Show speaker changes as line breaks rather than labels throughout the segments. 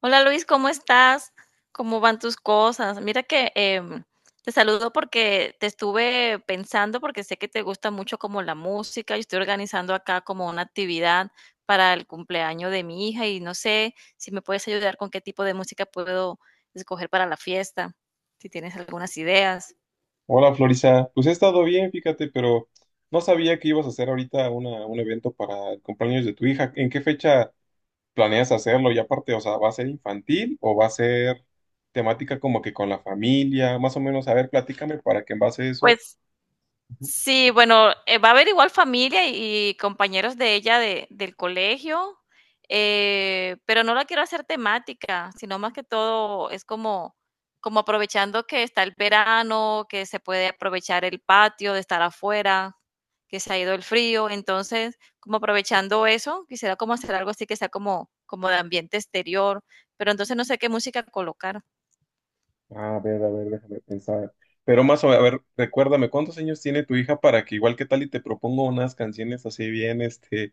Hola Luis, ¿cómo estás? ¿Cómo van tus cosas? Mira que te saludo porque te estuve pensando, porque sé que te gusta mucho como la música y estoy organizando acá como una actividad para el cumpleaños de mi hija y no sé si me puedes ayudar con qué tipo de música puedo escoger para la fiesta, si tienes algunas ideas.
Hola Florisa, pues he estado bien, fíjate, pero no sabía que ibas a hacer ahorita un evento para el cumpleaños de tu hija. ¿En qué fecha planeas hacerlo? Y aparte, o sea, ¿va a ser infantil o va a ser temática como que con la familia? Más o menos, a ver, platícame para que en base a eso.
Pues sí, bueno, va a haber igual familia y compañeros de ella de, del colegio, pero no la quiero hacer temática, sino más que todo es como, como aprovechando que está el verano, que se puede aprovechar el patio de estar afuera, que se ha ido el frío, entonces como aprovechando eso, quisiera como hacer algo así que sea como, como de ambiente exterior, pero entonces no sé qué música colocar.
A ver, déjame pensar. Pero más o menos, a ver, recuérdame, ¿cuántos años tiene tu hija para que igual que tal y te propongo unas canciones así bien, este,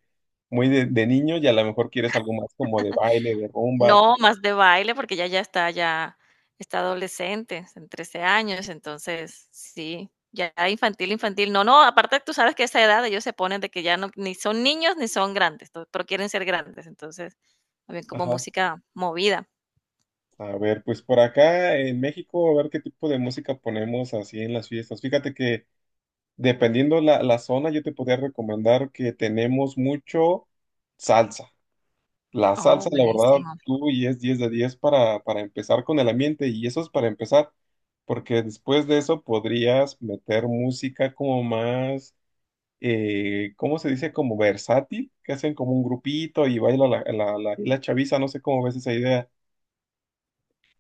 muy de niño, y a lo mejor quieres algo más como de baile, de rumba?
No, más de baile, porque ya está ya está adolescente, en 13 años, entonces sí, ya infantil, infantil. No, no, aparte tú sabes que a esa edad ellos se ponen de que ya no ni son niños ni son grandes, to pero quieren ser grandes, entonces, también como
Ajá.
música movida.
A ver, pues por acá en México, a ver qué tipo de música ponemos así en las fiestas. Fíjate que dependiendo la zona, yo te podría recomendar que tenemos mucho salsa. La
Oh,
salsa, la verdad,
buenísimo.
tú y es 10 de 10 para empezar con el ambiente, y eso es para empezar, porque después de eso podrías meter música como más, ¿cómo se dice? Como versátil, que hacen como un grupito y baila la chaviza, no sé cómo ves esa idea.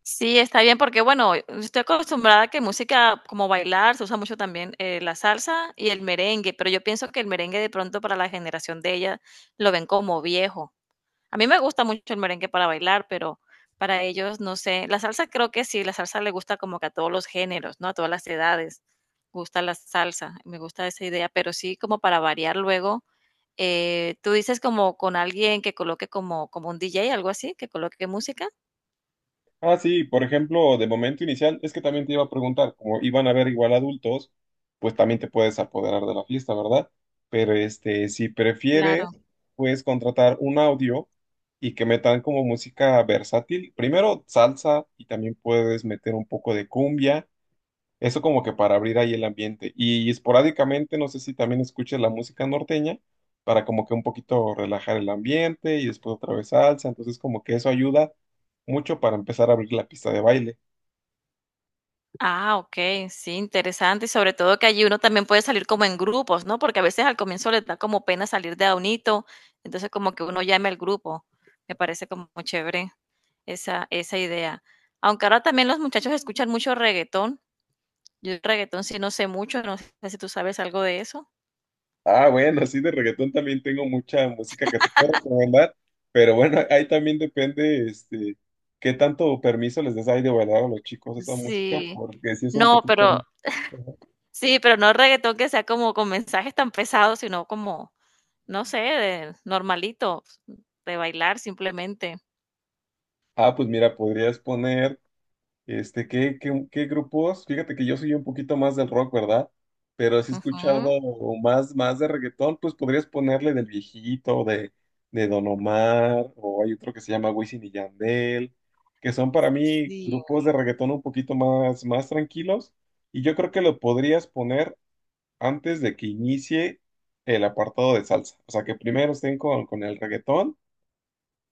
Sí, está bien, porque bueno, estoy acostumbrada a que música como bailar, se usa mucho también, la salsa y el merengue, pero yo pienso que el merengue de pronto para la generación de ella lo ven como viejo. A mí me gusta mucho el merengue para bailar, pero para ellos, no sé. La salsa creo que sí, la salsa le gusta como que a todos los géneros, ¿no? A todas las edades. Gusta la salsa, me gusta esa idea, pero sí como para variar luego. Tú dices como con alguien que coloque como, como un DJ, algo así, que coloque música.
Ah, sí, por ejemplo, de momento inicial, es que también te iba a preguntar, como iban a ver igual adultos, pues también te puedes apoderar de la fiesta, ¿verdad? Pero este, si prefieres,
Claro.
puedes contratar un audio y que metan como música versátil. Primero salsa y también puedes meter un poco de cumbia. Eso como que para abrir ahí el ambiente. Y, esporádicamente, no sé si también escuches la música norteña para como que un poquito relajar el ambiente y después otra vez salsa. Entonces como que eso ayuda mucho para empezar a abrir la pista de baile.
Ah, ok, sí, interesante. Y sobre todo que allí uno también puede salir como en grupos, ¿no? Porque a veces al comienzo les da como pena salir de a unito, entonces como que uno llame al grupo. Me parece como muy chévere esa, esa idea. Aunque ahora también los muchachos escuchan mucho reggaetón. Yo el reggaetón sí no sé mucho, no sé si tú sabes algo de eso.
Ah, bueno, así de reggaetón también tengo mucha música que te puedo recomendar, pero bueno, ahí también depende, este, qué tanto permiso les des ahí de bailar a los chicos esa música,
Sí,
porque si es un
no,
poquito...
pero sí, pero no reggaetón que sea como con mensajes tan pesados, sino como, no sé, de normalito, de bailar simplemente.
Ah, pues mira, podrías poner. Este, ¿qué grupos? Fíjate que yo soy un poquito más del rock, ¿verdad? Pero si he escuchado
Ujú.
más de reggaetón, pues podrías ponerle del viejito, de Don Omar, o hay otro que se llama Wisin y Yandel, que son para mí
Sí.
grupos de reggaetón un poquito más tranquilos. Y yo creo que lo podrías poner antes de que inicie el apartado de salsa. O sea, que primero estén con el reggaetón,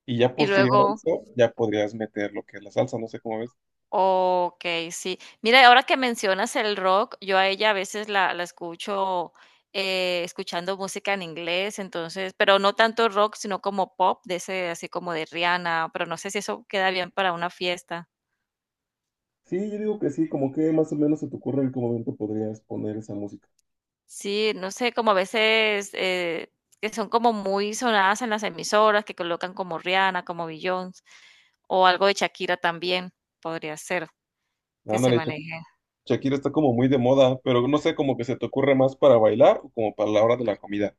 y ya
Y
posterior a
luego
eso ya podrías meter lo que es la salsa, no sé cómo ves.
okey, sí. Mira, ahora que mencionas el rock, yo a ella a veces la escucho, escuchando música en inglés, entonces, pero no tanto rock, sino como pop, de ese así como de Rihanna, pero no sé si eso queda bien para una fiesta.
Sí, yo digo que sí, como que más o menos se te ocurre en qué momento podrías poner esa música.
Sí, no sé, como a veces, que son como muy sonadas en las emisoras, que colocan como Rihanna, como Beyoncé, o algo de Shakira también podría ser que se
Ándale, Sha-
maneje.
Shakira está como muy de moda, pero no sé, como que se te ocurre más para bailar o como para la hora de la comida.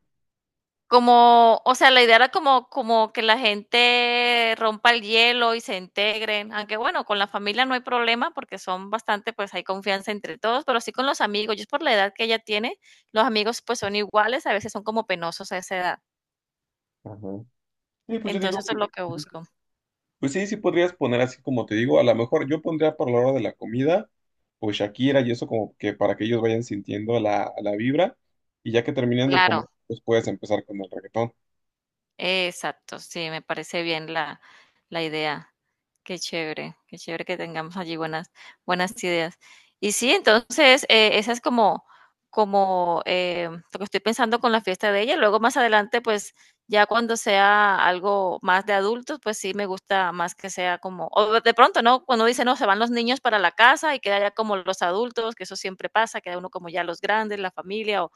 Como, o sea, la idea era como como que la gente rompa el hielo y se integren, aunque bueno, con la familia no hay problema porque son bastante, pues hay confianza entre todos, pero sí con los amigos. Yo es por la edad que ella tiene, los amigos pues son iguales, a veces son como penosos a esa edad.
Ajá. Sí, pues yo digo
Entonces eso es
que,
lo que busco.
pues sí, sí podrías poner así como te digo, a lo mejor yo pondría para la hora de la comida, pues Shakira, y eso como que para que ellos vayan sintiendo la vibra, y ya que terminen de
Claro.
comer, pues puedes empezar con el reggaetón.
Exacto, sí, me parece bien la, la idea. Qué chévere que tengamos allí buenas, buenas ideas. Y sí, entonces, esa es como, como lo que estoy pensando con la fiesta de ella. Luego más adelante, pues ya cuando sea algo más de adultos, pues sí me gusta más que sea como, o de pronto, ¿no? Cuando dice, no, se van los niños para la casa y queda ya como los adultos, que eso siempre pasa, queda uno como ya los grandes, la familia,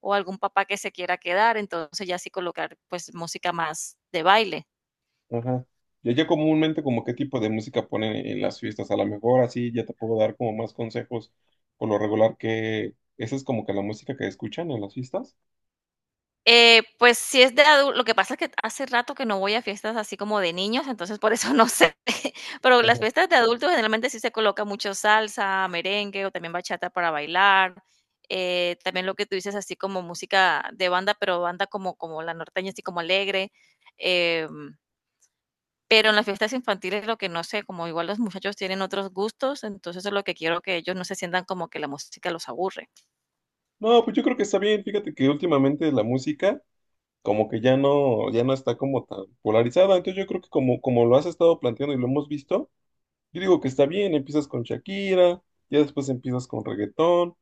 o algún papá que se quiera quedar, entonces ya sí colocar pues música más de baile.
Ajá. Y allá comúnmente como qué tipo de música ponen en las fiestas, a lo mejor así ya te puedo dar como más consejos por lo regular, que esa es como que la música que escuchan en las fiestas.
Pues si es de adulto, lo que pasa es que hace rato que no voy a fiestas así como de niños, entonces por eso no sé. Pero las
Ajá.
fiestas de adultos generalmente sí se coloca mucho salsa, merengue o también bachata para bailar. También lo que tú dices así como música de banda, pero banda como, como la norteña, así como alegre. em, Pero en las fiestas infantiles lo que no sé, como igual los muchachos tienen otros gustos, entonces es lo que quiero que ellos no se sientan como que la música los aburre.
No, pues yo creo que está bien, fíjate que últimamente la música como que ya no, ya no está como tan polarizada, entonces yo creo que como, como lo has estado planteando y lo hemos visto, yo digo que está bien, empiezas con Shakira, ya después empiezas con reggaetón,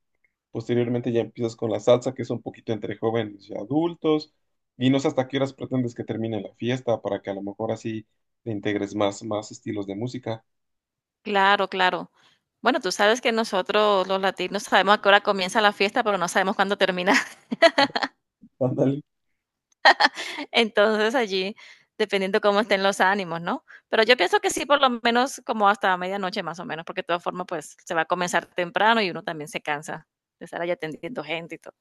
posteriormente ya empiezas con la salsa, que es un poquito entre jóvenes y adultos. Y no sé hasta qué horas pretendes que termine la fiesta para que a lo mejor así te integres más estilos de música.
Claro, claro. Bueno, tú sabes que nosotros los latinos sabemos a qué hora comienza la fiesta, pero no sabemos cuándo termina.
Ándale.
Entonces allí, dependiendo cómo estén los ánimos, ¿no? Pero yo pienso que sí, por lo menos como hasta medianoche más o menos, porque de todas formas, pues se va a comenzar temprano y uno también se cansa de estar allá atendiendo gente y todo.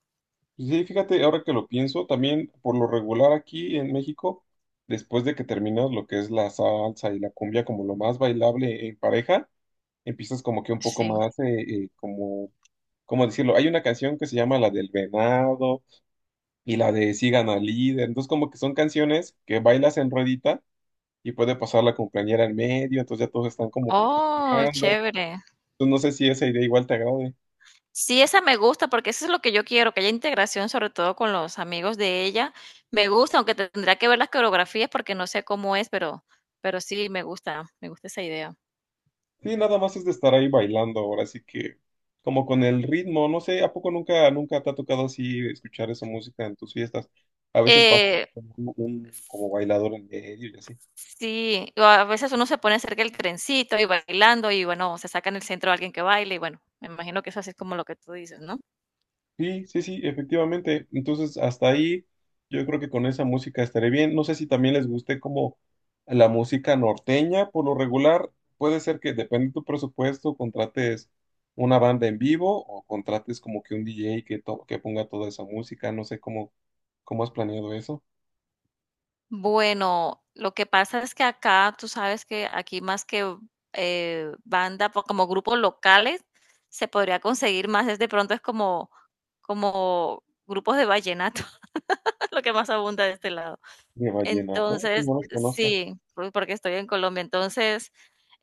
Sí, fíjate, ahora que lo pienso, también por lo regular aquí en México, después de que terminas lo que es la salsa y la cumbia como lo más bailable en pareja, empiezas como que un poco
Sí.
más, como, ¿cómo decirlo? Hay una canción que se llama la del venado y la de Sigan al líder. Entonces como que son canciones que bailas en ruedita y puede pasar la cumpleañera en medio, entonces ya todos están como que
Oh,
festejando.
chévere.
Entonces no sé si esa idea igual te agrade.
Sí, esa me gusta porque eso es lo que yo quiero, que haya integración sobre todo con los amigos de ella. Me gusta, aunque tendría que ver las coreografías porque no sé cómo es, pero sí, me gusta esa idea.
Sí, nada más es de estar ahí bailando ahora, así que como con el ritmo, no sé, ¿a poco nunca, nunca te ha tocado así escuchar esa música en tus fiestas? A veces pasa
Eh,
un como bailador en medio y así.
sí, o a veces uno se pone cerca del trencito y bailando y bueno, se saca en el centro a alguien que baile y bueno, me imagino que eso así es como lo que tú dices, ¿no?
Sí, sí, sí, efectivamente. Entonces, hasta ahí yo creo que con esa música estaré bien. No sé si también les guste como la música norteña, por lo regular, puede ser que depende de tu presupuesto, contrates una banda en vivo o contrates como que un DJ que, to- que ponga toda esa música. No sé cómo, cómo has planeado eso.
Bueno, lo que pasa es que acá, tú sabes que aquí más que banda, po- como grupos locales, se podría conseguir más, es de pronto es como, como grupos de vallenato, lo que más abunda de este lado.
De vallenato. Sí,
Entonces,
no los conozco.
sí, por- porque estoy en Colombia, entonces,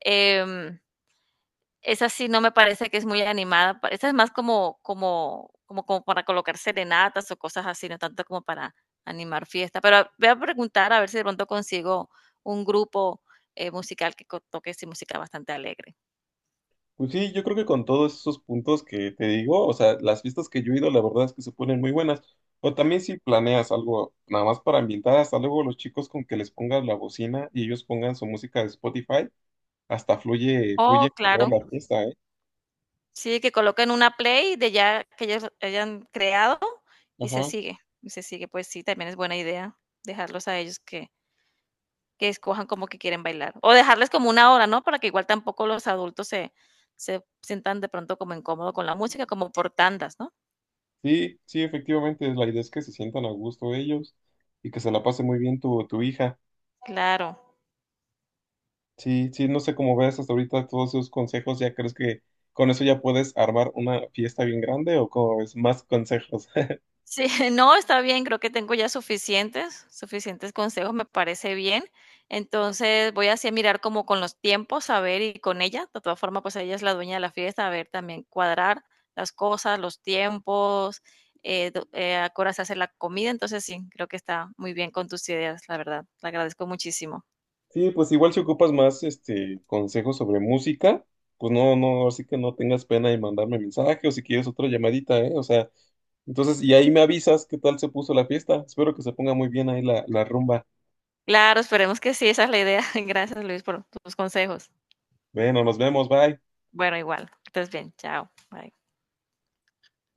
em, esa sí no me parece que es muy animada, pa esa es más como como como como para colocar serenatas o cosas así, no tanto como para animar fiesta, pero a- voy a preguntar a ver si de pronto consigo un grupo, musical que co toque sí música bastante alegre.
Pues sí, yo creo que con todos esos puntos que te digo, o sea, las fiestas que yo he ido, la verdad es que se ponen muy buenas. O también si planeas algo nada más para ambientar, hasta luego los chicos con que les pongas la bocina y ellos pongan su música de Spotify, hasta fluye,
Oh,
fluye mejor
claro.
la fiesta, ¿eh?
Sí, que coloquen una play de ya que ellos hayan creado y se
Ajá.
sigue y se sigue. Pues sí, también es buena idea dejarlos a ellos que escojan como que quieren bailar. O dejarles como una hora, ¿no? Para que igual tampoco los adultos se, se sientan de pronto como incómodo con la música, como por tandas, ¿no?
Sí, sí, efectivamente, la idea es que se sientan a gusto ellos y que se la pase muy bien tu hija.
Claro.
Sí, sí, no sé cómo ves hasta ahorita todos esos consejos, ¿ya crees que con eso ya puedes armar una fiesta bien grande o cómo ves más consejos?
Sí, no, está bien, creo que tengo ya suficientes, suficientes consejos, me parece bien. Entonces voy así a mirar como con los tiempos, a ver, y con ella, de todas formas, pues ella es la dueña de la fiesta, a ver también cuadrar las cosas, los tiempos, do- a qué hora se hace la comida, entonces sí, creo que está muy bien con tus ideas, la verdad, te agradezco muchísimo.
Sí, pues igual si ocupas más este consejos sobre música, pues no, no, así que no tengas pena en mandarme mensaje o si quieres otra llamadita, ¿eh? O sea, entonces, y ahí me avisas qué tal se puso la fiesta. Espero que se ponga muy bien ahí la rumba.
Claro, esperemos que sí, esa es la idea. Gracias, Luis, por tus consejos.
Bueno, nos vemos, bye.
Bueno, igual, que estés bien. Chao. Bye.